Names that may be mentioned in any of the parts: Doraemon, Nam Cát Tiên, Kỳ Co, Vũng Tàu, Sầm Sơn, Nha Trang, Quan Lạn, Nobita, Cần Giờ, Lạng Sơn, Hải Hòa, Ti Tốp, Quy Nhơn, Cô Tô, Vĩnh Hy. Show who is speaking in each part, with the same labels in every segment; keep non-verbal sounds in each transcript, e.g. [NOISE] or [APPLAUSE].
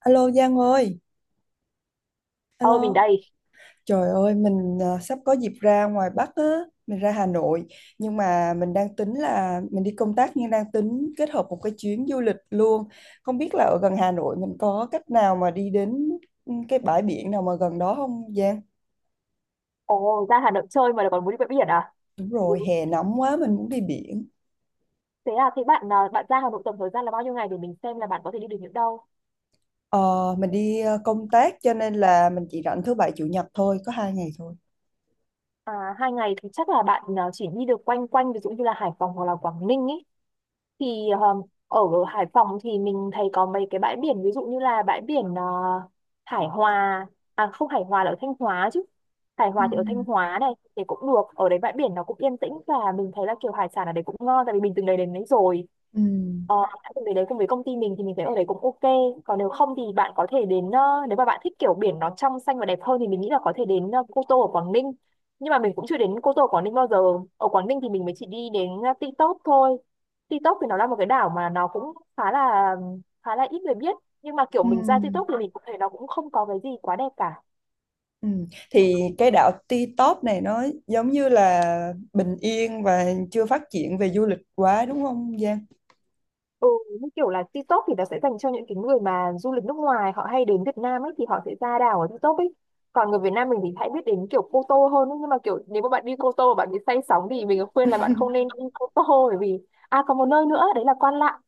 Speaker 1: Alo Giang ơi,
Speaker 2: Ờ, mình
Speaker 1: alo.
Speaker 2: đây.
Speaker 1: Trời ơi, mình sắp có dịp ra ngoài Bắc á, mình ra Hà Nội, nhưng mà mình đang tính là mình đi công tác nhưng đang tính kết hợp một cái chuyến du lịch luôn. Không biết là ở gần Hà Nội mình có cách nào mà đi đến cái bãi biển nào mà gần đó không Giang?
Speaker 2: Ồ, ra Hà Nội chơi mà lại còn muốn đi bãi biển à?
Speaker 1: Đúng rồi,
Speaker 2: [LAUGHS]
Speaker 1: hè nóng quá mình muốn đi biển.
Speaker 2: Thế à, thế bạn à, bạn ra Hà Nội tổng thời gian là bao nhiêu ngày để mình xem là bạn có thể đi được những đâu?
Speaker 1: Ờ, mình đi công tác cho nên là mình chỉ rảnh thứ bảy chủ nhật thôi, có 2 ngày thôi.
Speaker 2: À, hai ngày thì chắc là bạn à, chỉ đi được quanh quanh, ví dụ như là Hải Phòng hoặc là Quảng Ninh ý. Thì ở Hải Phòng thì mình thấy có mấy cái bãi biển, ví dụ như là bãi biển Hải Hòa. À không, Hải Hòa là ở Thanh Hóa chứ. Hải
Speaker 1: Ừ.
Speaker 2: Hòa thì ở Thanh Hóa, này thì cũng được, ở đấy bãi biển nó cũng yên tĩnh và mình thấy là kiểu hải sản ở đấy cũng ngon, tại vì mình từng đấy đến đấy rồi.
Speaker 1: Ừ.
Speaker 2: ờ, đã từng đấy đấy cùng với công ty mình, thì mình thấy ở đấy cũng ok. Còn nếu không thì bạn có thể đến, nếu mà bạn thích kiểu biển nó trong xanh và đẹp hơn thì mình nghĩ là có thể đến Cô Tô ở Quảng Ninh. Nhưng mà mình cũng chưa đến Cô Tô ở Quảng Ninh bao giờ. Ở Quảng Ninh thì mình mới chỉ đi đến Ti Tốp thôi. TikTok thì nó là một cái đảo mà nó cũng khá là ít người biết, nhưng mà kiểu
Speaker 1: Ừ.
Speaker 2: mình ra TikTok thì mình cũng thấy nó cũng không có cái gì quá đẹp cả.
Speaker 1: Ừ. Thì cái đảo Ti Tốp này nó giống như là bình yên và chưa phát triển về du lịch quá đúng không Giang?
Speaker 2: Ừ, như kiểu là TikTok thì nó sẽ dành cho những cái người mà du lịch nước ngoài, họ hay đến Việt Nam ấy, thì họ sẽ ra đảo ở TikTok ấy. Còn người Việt Nam mình thì hãy biết đến kiểu Cô Tô hơn ấy. Nhưng mà kiểu nếu mà bạn đi Cô Tô mà bạn bị say sóng thì mình khuyên là bạn không nên đi Cô Tô, bởi vì... À, còn một nơi nữa đấy là Quan Lạn.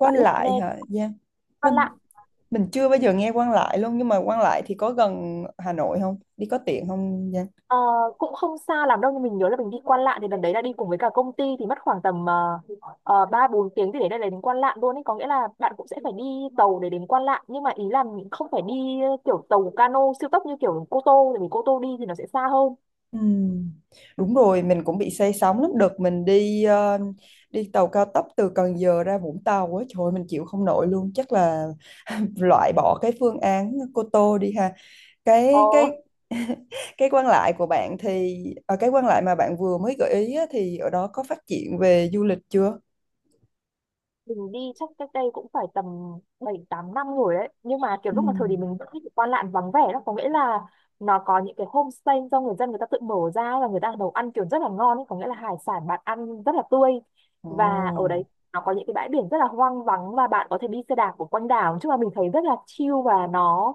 Speaker 2: Bạn biết nghe
Speaker 1: Lại hả Giang?
Speaker 2: Quan Lạn?
Speaker 1: Mình mình chưa bao giờ nghe Quan Lại luôn nhưng mà Quan Lại thì có gần Hà Nội không? Đi có tiện không Giang?
Speaker 2: Ờ, cũng không xa lắm đâu, nhưng mình nhớ là mình đi Quan Lạn thì lần đấy là đi cùng với cả công ty, thì mất khoảng tầm 3 4 tiếng thì để đây là đến Quan Lạn luôn ấy, có nghĩa là bạn cũng sẽ phải đi tàu để đến Quan Lạn. Nhưng mà ý là mình không phải đi kiểu tàu cano siêu tốc như kiểu Cô Tô, tại vì Cô Tô đi thì nó sẽ xa hơn.
Speaker 1: Ừ. Đúng rồi, mình cũng bị say sóng lắm. Đợt mình đi tàu cao tốc từ Cần Giờ ra Vũng Tàu á, trời ơi, mình chịu không nổi luôn. Chắc là [LAUGHS] loại bỏ cái phương án Cô Tô đi ha
Speaker 2: Ờ,
Speaker 1: cái [LAUGHS] cái quan lại của bạn thì ở cái quan lại mà bạn vừa mới gợi ý á, thì ở đó có phát triển về du lịch chưa?
Speaker 2: mình đi chắc cách đây cũng phải tầm 7 8 năm rồi đấy, nhưng mà kiểu
Speaker 1: Ừ.
Speaker 2: lúc mà thời điểm mình vẫn thích Quan Lạn vắng vẻ đó, có nghĩa là nó có những cái homestay do người dân người ta tự mở ra và người ta nấu ăn kiểu rất là ngon ấy. Có nghĩa là hải sản bạn ăn rất là tươi, và ở đấy
Speaker 1: Ồ,
Speaker 2: nó có những cái bãi biển rất là hoang vắng, và bạn có thể đi xe đạp của quanh đảo chứ, mà mình thấy rất là chill và nó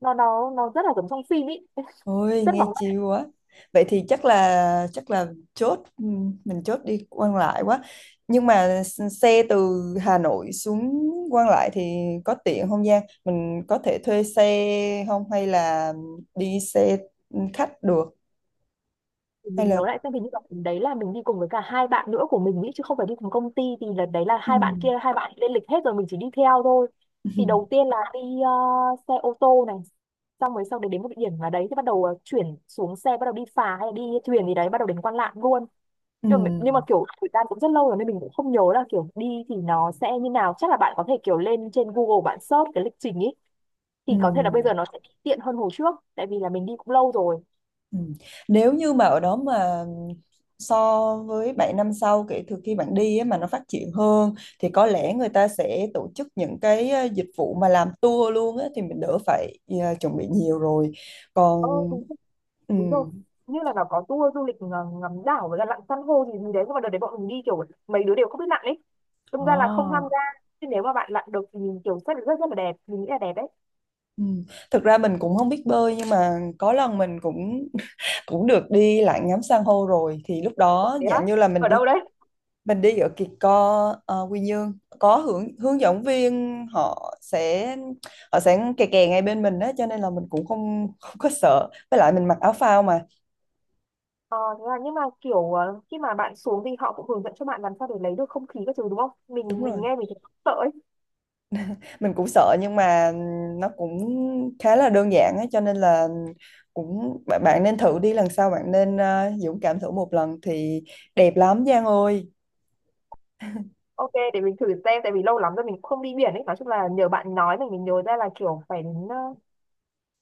Speaker 2: nó nó nó rất là giống trong phim ý,
Speaker 1: ôi
Speaker 2: rất là...
Speaker 1: nghe chill quá. Vậy thì chắc là chốt ừ, mình chốt đi quan lại quá. Nhưng mà xe từ Hà Nội xuống quan lại thì có tiện không Giang? Mình có thể thuê xe không hay là đi xe khách được
Speaker 2: Thì
Speaker 1: hay
Speaker 2: mình nhớ
Speaker 1: là
Speaker 2: lại xem, hình như là lần đấy là mình đi cùng với cả hai bạn nữa của mình ý, chứ không phải đi cùng công ty. Thì lần đấy là
Speaker 1: ừ.
Speaker 2: hai bạn kia, hai bạn lên lịch hết rồi mình chỉ đi theo thôi. Thì đầu
Speaker 1: [LAUGHS]
Speaker 2: tiên là đi ờ, xe ô tô này, xong rồi sau đấy đến một địa điểm là đấy thì bắt đầu chuyển xuống xe, bắt đầu đi phà hay là đi thuyền gì đấy, bắt đầu đến Quan Lạn luôn.
Speaker 1: Ừ.
Speaker 2: Nhưng mà kiểu thời gian cũng rất lâu rồi nên mình cũng không nhớ là kiểu đi thì nó sẽ như nào, chắc là bạn có thể kiểu lên trên Google bạn search cái lịch trình ý.
Speaker 1: Ừ.
Speaker 2: Thì có thể là bây giờ nó sẽ tiện hơn hồi trước, tại vì là mình đi cũng lâu rồi.
Speaker 1: Ừ. Nếu như mà ở đó mà so với 7 năm sau kể từ khi bạn đi á, mà nó phát triển hơn thì có lẽ người ta sẽ tổ chức những cái dịch vụ mà làm tour luôn á, thì mình đỡ phải chuẩn bị nhiều rồi.
Speaker 2: Ừ,
Speaker 1: Còn ừ.
Speaker 2: đúng rồi, như là nó có tour du lịch ngắm đảo với cả lặn san hô gì gì đấy, nhưng mà đợt đấy bọn mình đi kiểu mấy đứa đều không biết lặn ấy, đâm ra là không tham
Speaker 1: À,
Speaker 2: gia. Nhưng nếu mà bạn lặn được thì mình kiểu rất rất rất là đẹp, mình nghĩ là đẹp đấy.
Speaker 1: ừ. Thực ra mình cũng không biết bơi nhưng mà có lần mình cũng [LAUGHS] cũng được đi lại ngắm san hô rồi thì lúc đó
Speaker 2: Thế á?
Speaker 1: dạng như là mình
Speaker 2: Ở
Speaker 1: đi
Speaker 2: đâu đấy?
Speaker 1: mình đi ở Kỳ Co Quy Nhơn có hướng hướng dẫn viên họ sẽ kè kè ngay bên mình á cho nên là mình cũng không không có sợ với lại mình mặc áo phao mà
Speaker 2: Ờ thế là nhưng mà kiểu khi mà bạn xuống thì họ cũng hướng dẫn cho bạn làm sao để lấy được không khí các thứ đúng không?
Speaker 1: đúng
Speaker 2: Mình mình
Speaker 1: rồi
Speaker 2: nghe mình thấy sợ ấy.
Speaker 1: mình cũng sợ nhưng mà nó cũng khá là đơn giản á cho nên là cũng bạn bạn nên thử đi lần sau bạn nên dũng cảm thử một lần thì đẹp lắm Giang ơi
Speaker 2: Ok, để mình thử xem, tại vì lâu lắm rồi mình cũng không đi biển ấy. Nói chung là nhờ bạn nói mình nhớ ra là kiểu phải đến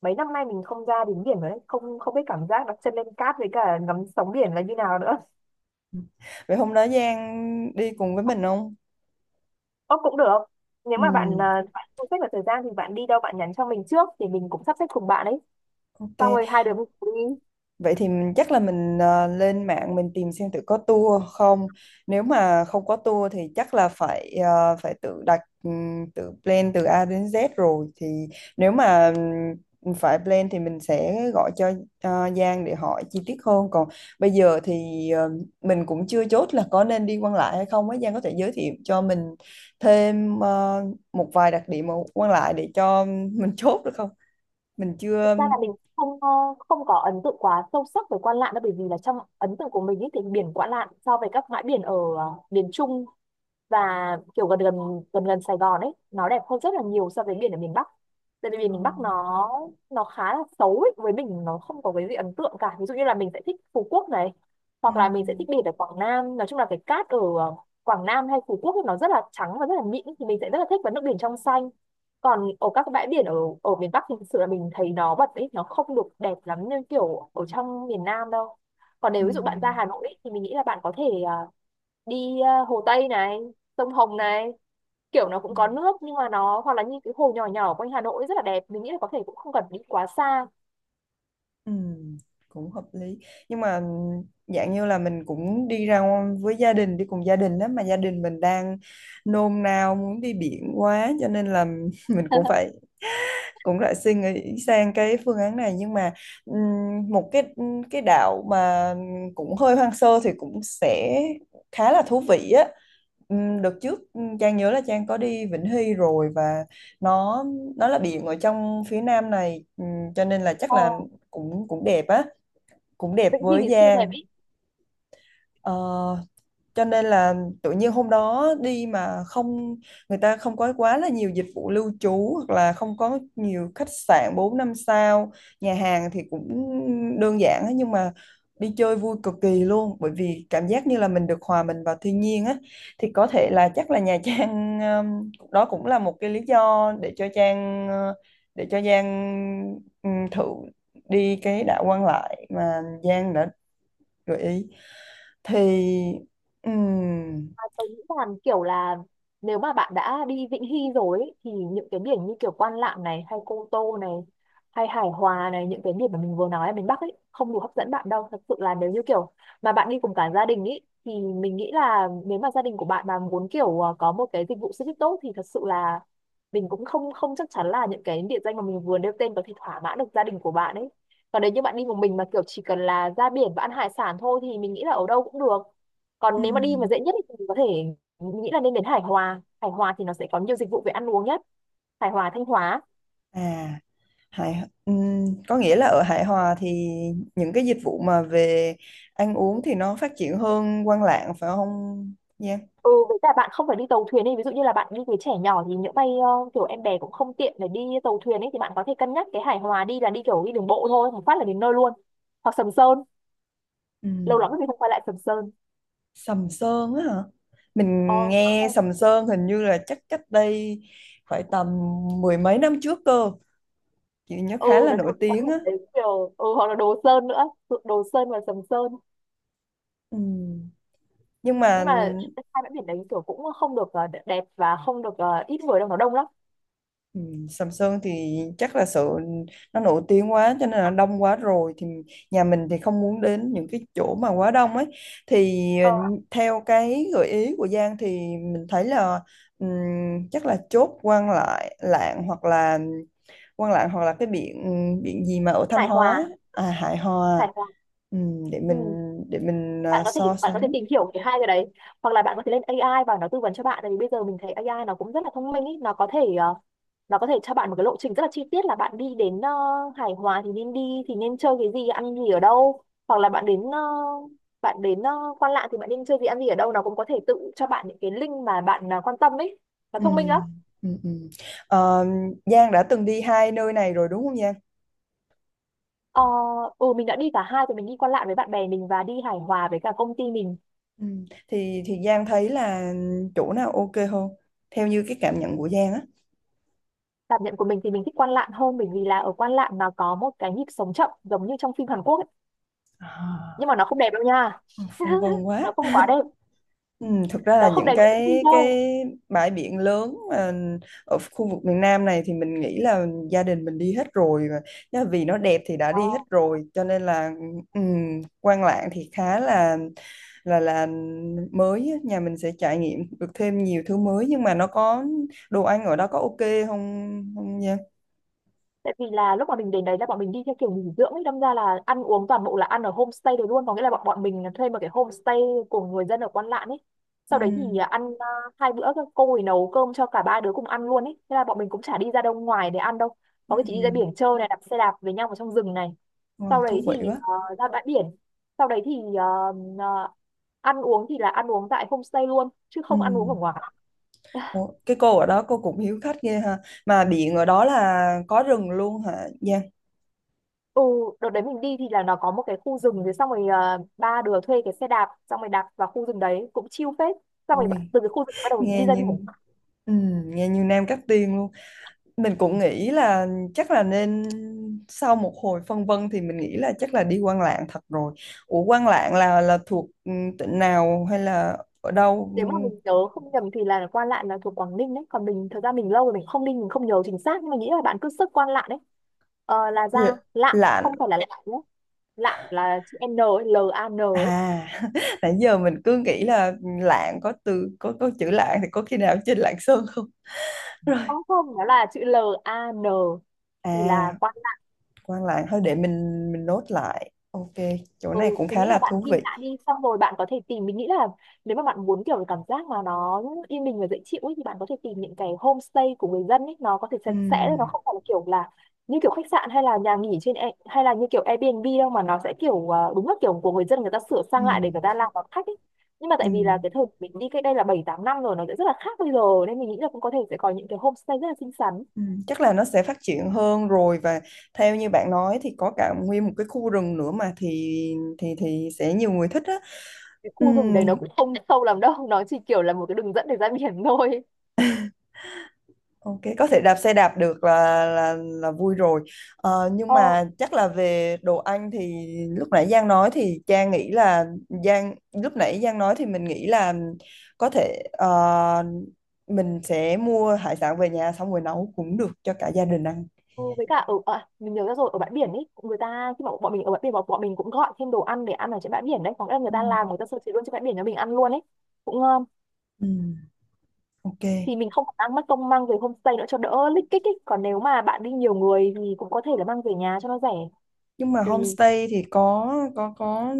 Speaker 2: mấy năm nay mình không ra đến biển rồi đấy. Không không biết cảm giác đặt chân lên cát với cả ngắm sóng biển là như nào nữa.
Speaker 1: vậy hôm đó Giang đi cùng với mình không
Speaker 2: Ơ, cũng được. Nếu
Speaker 1: ừ
Speaker 2: mà bạn à, bạn không xếp được thời gian thì bạn đi đâu bạn nhắn cho mình trước, thì mình cũng sắp xếp cùng bạn ấy.
Speaker 1: ok.
Speaker 2: Xong rồi hai đứa mình cùng đi.
Speaker 1: Vậy thì chắc là mình lên mạng mình tìm xem tự có tour không. Nếu mà không có tour thì chắc là phải tự đặt tự plan từ A đến Z rồi. Thì nếu mà phải plan thì mình sẽ gọi cho Giang để hỏi chi tiết hơn. Còn bây giờ thì mình cũng chưa chốt là có nên đi Quan Lại hay không ấy Giang có thể giới thiệu cho mình thêm một vài đặc điểm ở Quan Lại để cho mình chốt được không? Mình
Speaker 2: Thực
Speaker 1: chưa.
Speaker 2: ra là mình không ờ, không có ấn tượng quá sâu sắc về Quan Lạn đâu, bởi vì là trong ấn tượng của mình ấy thì biển Quan Lạn so với các bãi biển ở miền Trung và kiểu gần gần Sài Gòn ấy, nó đẹp hơn rất là nhiều so với biển ở miền Bắc, tại vì biển
Speaker 1: Ờ. Ờ.
Speaker 2: miền Bắc nó khá là xấu ấy. Với mình nó không có cái gì ấn tượng cả, ví dụ như là mình sẽ thích Phú Quốc này,
Speaker 1: Ừ.
Speaker 2: hoặc là mình sẽ thích biển ở Quảng Nam. Nói chung là cái cát ở Quảng Nam hay Phú Quốc ấy, nó rất là trắng và rất là mịn thì mình sẽ rất là thích, và nước biển trong xanh. Còn ở các bãi biển ở ở miền Bắc thì thực sự là mình thấy nó bật ấy, nó không được đẹp lắm như kiểu ở trong miền Nam đâu. Còn
Speaker 1: Ừ.
Speaker 2: nếu ví dụ bạn ra Hà Nội ấy, thì mình nghĩ là bạn có thể đi Hồ Tây này, sông Hồng này, kiểu nó cũng
Speaker 1: Ừ.
Speaker 2: có nước, nhưng mà nó hoặc là như cái hồ nhỏ nhỏ quanh Hà Nội rất là đẹp, mình nghĩ là có thể cũng không cần đi quá xa.
Speaker 1: Ừ. Cũng hợp lý nhưng mà dạng như là mình cũng đi ra với gia đình đi cùng gia đình đó mà gia đình mình đang nôn nao muốn đi biển quá cho nên là [LAUGHS] mình cũng
Speaker 2: [LAUGHS]
Speaker 1: phải cũng lại suy nghĩ sang cái phương án này nhưng mà một cái đảo mà cũng hơi hoang sơ thì cũng sẽ khá là thú vị á. Đợt trước Trang nhớ là Trang có đi Vĩnh Hy rồi và nó nó là biển ở trong phía nam này cho nên là chắc
Speaker 2: ờ
Speaker 1: là cũng cũng đẹp á cũng đẹp
Speaker 2: Vĩnh Hy
Speaker 1: với
Speaker 2: thì siêu đẹp
Speaker 1: Giang.
Speaker 2: ý.
Speaker 1: Ờ, cho nên là tự nhiên hôm đó đi mà không người ta không có quá là nhiều dịch vụ lưu trú hoặc là không có nhiều khách sạn 4 năm sao, nhà hàng thì cũng đơn giản á, nhưng mà đi chơi vui cực kỳ luôn bởi vì cảm giác như là mình được hòa mình vào thiên nhiên á. Thì có thể là chắc là Nha Trang, đó cũng là một cái lý do để cho Trang để cho Giang, thử đi cái đảo Quan Lại mà Giang đã gợi ý thì ừm,
Speaker 2: À, tôi nghĩ là kiểu là, nếu mà bạn đã đi Vĩnh Hy rồi ấy, thì những cái biển như kiểu Quan Lạn này, hay Cô Tô này, hay Hải Hòa này, những cái biển mà mình vừa nói ở miền Bắc ấy không đủ hấp dẫn bạn đâu thật sự. Là nếu như kiểu mà bạn đi cùng cả gia đình ấy thì mình nghĩ là nếu mà gia đình của bạn mà muốn kiểu à, có một cái dịch vụ xe buýt tốt, thì thật sự là mình cũng không không chắc chắn là những cái địa danh mà mình vừa nêu tên có thể thỏa mãn được gia đình của bạn ấy. Còn nếu như bạn đi một mình mà kiểu chỉ cần là ra biển và ăn hải sản thôi thì mình nghĩ là ở đâu cũng được. Còn nếu mà đi mà
Speaker 1: ừm,
Speaker 2: dễ nhất thì mình có thể, mình nghĩ là nên đến Hải Hòa. Hải Hòa thì nó sẽ có nhiều dịch vụ về ăn uống nhất. Hải Hòa, Thanh Hóa.
Speaker 1: à hài có nghĩa là ở Hải Hòa thì những cái dịch vụ mà về ăn uống thì nó phát triển hơn Quan Lạng phải không Giang?
Speaker 2: Ừ, với cả bạn không phải đi tàu thuyền ấy, ví dụ như là bạn đi với trẻ nhỏ thì những bay kiểu em bé cũng không tiện để đi tàu thuyền ấy, thì bạn có thể cân nhắc cái Hải Hòa, đi là đi kiểu đi đường bộ thôi, một phát là đến nơi luôn. Hoặc Sầm Sơn, lâu lắm
Speaker 1: Ừm,
Speaker 2: rồi mình không quay lại Sầm Sơn.
Speaker 1: Sầm Sơn á hả? Mình
Speaker 2: ờ Sao
Speaker 1: nghe
Speaker 2: không?
Speaker 1: Sầm Sơn hình như là chắc cách đây phải tầm mười mấy năm trước cơ, chị nhớ
Speaker 2: Ừ,
Speaker 1: khá là
Speaker 2: nói
Speaker 1: nổi
Speaker 2: chung là bãi
Speaker 1: tiếng
Speaker 2: biển
Speaker 1: á.
Speaker 2: đấy kiểu ừ, hoặc là Đồ Sơn nữa. Đồ Sơn và Sầm Sơn.
Speaker 1: Ừm, nhưng
Speaker 2: Nhưng
Speaker 1: mà
Speaker 2: mà hai bãi biển đấy kiểu cũng không được đẹp và không được ít người đâu, nó đông lắm.
Speaker 1: Ừ, Sầm Sơn thì chắc là sự nó nổi tiếng quá cho nên là đông quá rồi thì nhà mình thì không muốn đến những cái chỗ mà quá đông ấy. Thì
Speaker 2: Ờ,
Speaker 1: theo cái gợi ý của Giang thì mình thấy là ừm, chắc là chốt Quan lại Lạng hoặc là Quan Lạng hoặc là cái biển biển gì mà ở Thanh
Speaker 2: hài
Speaker 1: Hóa,
Speaker 2: hòa,
Speaker 1: à Hải
Speaker 2: hài
Speaker 1: Hòa.
Speaker 2: hòa.
Speaker 1: Ừm, để mình
Speaker 2: Ừ.
Speaker 1: để mình
Speaker 2: bạn có thể
Speaker 1: so
Speaker 2: bạn có
Speaker 1: sánh.
Speaker 2: thể tìm hiểu cái hai cái đấy, hoặc là bạn có thể lên AI và nó tư vấn cho bạn, tại vì bây giờ mình thấy AI nó cũng rất là thông minh ý. Nó có thể nó có thể cho bạn một cái lộ trình rất là chi tiết, là bạn đi đến hài hòa thì nên đi, thì nên chơi cái gì, ăn gì, ở đâu, hoặc là bạn đến bạn đến Quan Lạn thì bạn nên chơi gì, ăn gì, ở đâu. Nó cũng có thể tự cho bạn những cái link mà bạn quan tâm ấy. Nó thông minh lắm.
Speaker 1: Ừm, ừm, ừm. Ờ, Giang đã từng đi hai nơi này rồi đúng không?
Speaker 2: Ờ, ừ, mình đã đi cả hai rồi. Mình đi Quan Lạn với bạn bè mình và đi Hải Hòa với cả công ty mình.
Speaker 1: Ừ. Thì Giang thấy là chỗ nào ok hơn theo như cái cảm nhận của Giang á?
Speaker 2: Cảm nhận của mình thì mình thích Quan Lạn hơn, bởi vì là ở Quan Lạn nó có một cái nhịp sống chậm giống như trong phim Hàn Quốc ấy.
Speaker 1: À.
Speaker 2: Nhưng mà nó không đẹp đâu nha.
Speaker 1: Ừ, phân vân
Speaker 2: [LAUGHS]
Speaker 1: quá.
Speaker 2: Nó không quá đẹp,
Speaker 1: Ừ, thực ra là
Speaker 2: nó không đẹp
Speaker 1: những
Speaker 2: như trong phim
Speaker 1: cái
Speaker 2: đâu.
Speaker 1: cái bãi biển lớn mà ở khu vực miền Nam này thì mình nghĩ là gia đình mình đi hết rồi mà. Nhá, vì nó đẹp thì đã
Speaker 2: Ờ.
Speaker 1: đi hết rồi cho nên là ừ, Quan Lạn thì khá là mới á. Nhà mình sẽ trải nghiệm được thêm nhiều thứ mới nhưng mà nó có đồ ăn ở đó có ok không không nha?
Speaker 2: Tại vì là lúc mà mình đến đấy là bọn mình đi theo kiểu nghỉ dưỡng ấy, đâm ra là ăn uống toàn bộ là ăn ở homestay đấy luôn. Có nghĩa là bọn bọn mình thuê một cái homestay của người dân ở Quan Lạn ấy.
Speaker 1: Ừ.
Speaker 2: Sau đấy thì ăn hai bữa các cô ấy nấu cơm cho cả ba đứa cùng ăn luôn ấy, thế là bọn mình cũng chả đi ra đâu ngoài để ăn đâu.
Speaker 1: Ừ.
Speaker 2: Có cái chị đi ra biển chơi này, đạp xe đạp với nhau vào trong rừng này,
Speaker 1: Wow,
Speaker 2: sau
Speaker 1: thú
Speaker 2: đấy thì
Speaker 1: vị quá.
Speaker 2: ra bãi biển, sau đấy thì ờ, ờ, ăn uống thì là ăn uống tại homestay luôn chứ
Speaker 1: Ừ.
Speaker 2: không ăn uống ở ngoài.
Speaker 1: Ủa, cái cô ở đó cô cũng hiếu khách ghê ha. Mà điện ở đó là có rừng luôn hả Giang?
Speaker 2: Ừ, đợt đấy mình đi thì là nó có một cái khu rừng, rồi xong rồi ba đứa thuê cái xe đạp, xong rồi đạp vào khu rừng đấy cũng chill phết. Xong rồi
Speaker 1: Ui,
Speaker 2: từ cái khu rừng bắt đầu
Speaker 1: nghe
Speaker 2: đi ra đường.
Speaker 1: như ừ, nghe như Nam Cát Tiên luôn. Mình cũng nghĩ là chắc là nên sau một hồi phân vân thì mình nghĩ là chắc là đi Quan Lạng thật rồi. Ủa Quan Lạng là thuộc tỉnh nào hay là ở đâu?
Speaker 2: Nếu mà mình nhớ không nhầm thì là Quan Lạn là thuộc Quảng Ninh đấy. Còn mình, thật ra mình lâu rồi mình không đi, mình không nhớ chính xác, nhưng mà nghĩ là bạn cứ search Quan Lạn đấy, là
Speaker 1: Ừ,
Speaker 2: ra. Lạn
Speaker 1: Lạng.
Speaker 2: không phải là Lạn nhé, Lạn là chữ N ấy, L A N ấy.
Speaker 1: À [LAUGHS] nãy giờ mình cứ nghĩ là Lạng có từ có chữ Lạng thì có khi nào trên Lạng Sơn không? [LAUGHS]
Speaker 2: Không không, nó là chữ L A N thì là.
Speaker 1: À, quan lại thôi để mình nốt lại. Ok, chỗ
Speaker 2: Ừ,
Speaker 1: này cũng
Speaker 2: mình
Speaker 1: khá
Speaker 2: nghĩ là
Speaker 1: là
Speaker 2: bạn
Speaker 1: thú
Speaker 2: ghi
Speaker 1: vị.
Speaker 2: lại đi, xong rồi bạn có thể tìm. Mình nghĩ là nếu mà bạn muốn kiểu cái cảm giác mà nó yên bình và dễ chịu ấy, thì bạn có thể tìm những cái homestay của người dân ấy. Nó có thể sạch sẽ, nó
Speaker 1: Ừm,
Speaker 2: không phải là kiểu là như kiểu khách sạn hay là nhà nghỉ trên hay là như kiểu Airbnb đâu, mà nó sẽ kiểu đúng là kiểu của người dân, người ta sửa sang lại để người
Speaker 1: ừm,
Speaker 2: ta làm đón khách ấy. Nhưng mà tại vì là
Speaker 1: ừm,
Speaker 2: cái thời mình đi cách đây là 7 8 năm rồi, nó sẽ rất là khác bây giờ, nên mình nghĩ là cũng có thể sẽ có những cái homestay rất là xinh xắn.
Speaker 1: Chắc là nó sẽ phát triển hơn rồi và theo như bạn nói thì có cả nguyên một cái khu rừng nữa mà thì sẽ nhiều người thích á.
Speaker 2: Cái khu rừng
Speaker 1: Ừm,
Speaker 2: đấy nó cũng không sâu lắm đâu, nó chỉ kiểu là một cái đường dẫn để ra biển [LAUGHS]
Speaker 1: Ok, có thể đạp xe đạp được là vui rồi. Nhưng
Speaker 2: thôi.
Speaker 1: mà chắc là về đồ ăn thì lúc nãy Giang nói thì Trang nghĩ là Giang lúc nãy Giang nói thì mình nghĩ là có thể mình sẽ mua hải sản về nhà xong rồi nấu cũng được cho cả gia đình ăn.
Speaker 2: Ừ, với cả ở mình nhớ ra rồi, ở bãi biển ấy người ta, khi mà bọn mình ở bãi biển, bọn mình cũng gọi thêm đồ ăn để ăn ở trên bãi biển đấy. Có nghĩa là người
Speaker 1: Ừ.
Speaker 2: ta làm, người ta sơ chế luôn trên bãi biển cho mình ăn luôn ấy, cũng ngon.
Speaker 1: Ừ, ok.
Speaker 2: Thì mình không ăn mất công mang về homestay nữa cho đỡ lích kích ấy, còn nếu mà bạn đi nhiều người thì cũng có thể là mang về nhà cho nó rẻ.
Speaker 1: Nhưng mà
Speaker 2: Tùy.
Speaker 1: homestay thì có có có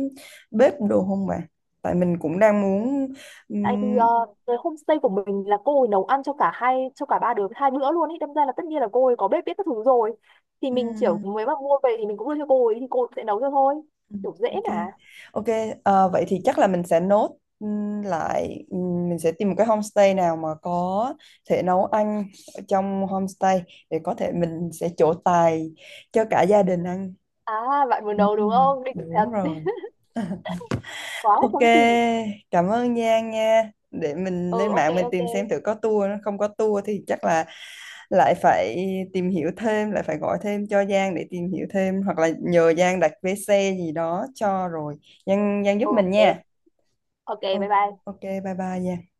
Speaker 1: bếp đồ không bà? Tại mình cũng đang muốn
Speaker 2: Tại vì
Speaker 1: ừm,
Speaker 2: cái homestay của mình là cô ấy nấu ăn cho cả hai, cho cả ba đứa hai bữa luôn ấy, đâm ra là tất nhiên là cô ấy có bếp biết các thứ rồi. Thì mình chỉ
Speaker 1: ừm,
Speaker 2: mới mà mua về thì mình cũng đưa cho cô ấy thì cô ấy sẽ nấu cho thôi,
Speaker 1: Ừ,
Speaker 2: kiểu dễ
Speaker 1: Ok,
Speaker 2: mà.
Speaker 1: ok. Vậy thì chắc là mình sẽ nốt lại, mình sẽ tìm một cái homestay nào mà có thể nấu ăn ở trong homestay để có thể mình sẽ trổ tài cho cả gia đình ăn.
Speaker 2: À bạn muốn nấu đúng
Speaker 1: Ừm,
Speaker 2: không, đỉnh
Speaker 1: đúng
Speaker 2: thật,
Speaker 1: rồi.
Speaker 2: quá
Speaker 1: Ok,
Speaker 2: không gì.
Speaker 1: cảm ơn Giang nha. Để mình
Speaker 2: Ừ,
Speaker 1: lên
Speaker 2: ok
Speaker 1: mạng mình
Speaker 2: ok,
Speaker 1: tìm
Speaker 2: ừ,
Speaker 1: xem thử có tour, nó không có tour thì chắc là lại phải tìm hiểu thêm, lại phải gọi thêm cho Giang để tìm hiểu thêm hoặc là nhờ Giang đặt vé xe gì đó cho rồi. Giang Giang giúp
Speaker 2: ok
Speaker 1: mình nha.
Speaker 2: ok, bye
Speaker 1: Ô-
Speaker 2: bye.
Speaker 1: Ok, bye bye Giang.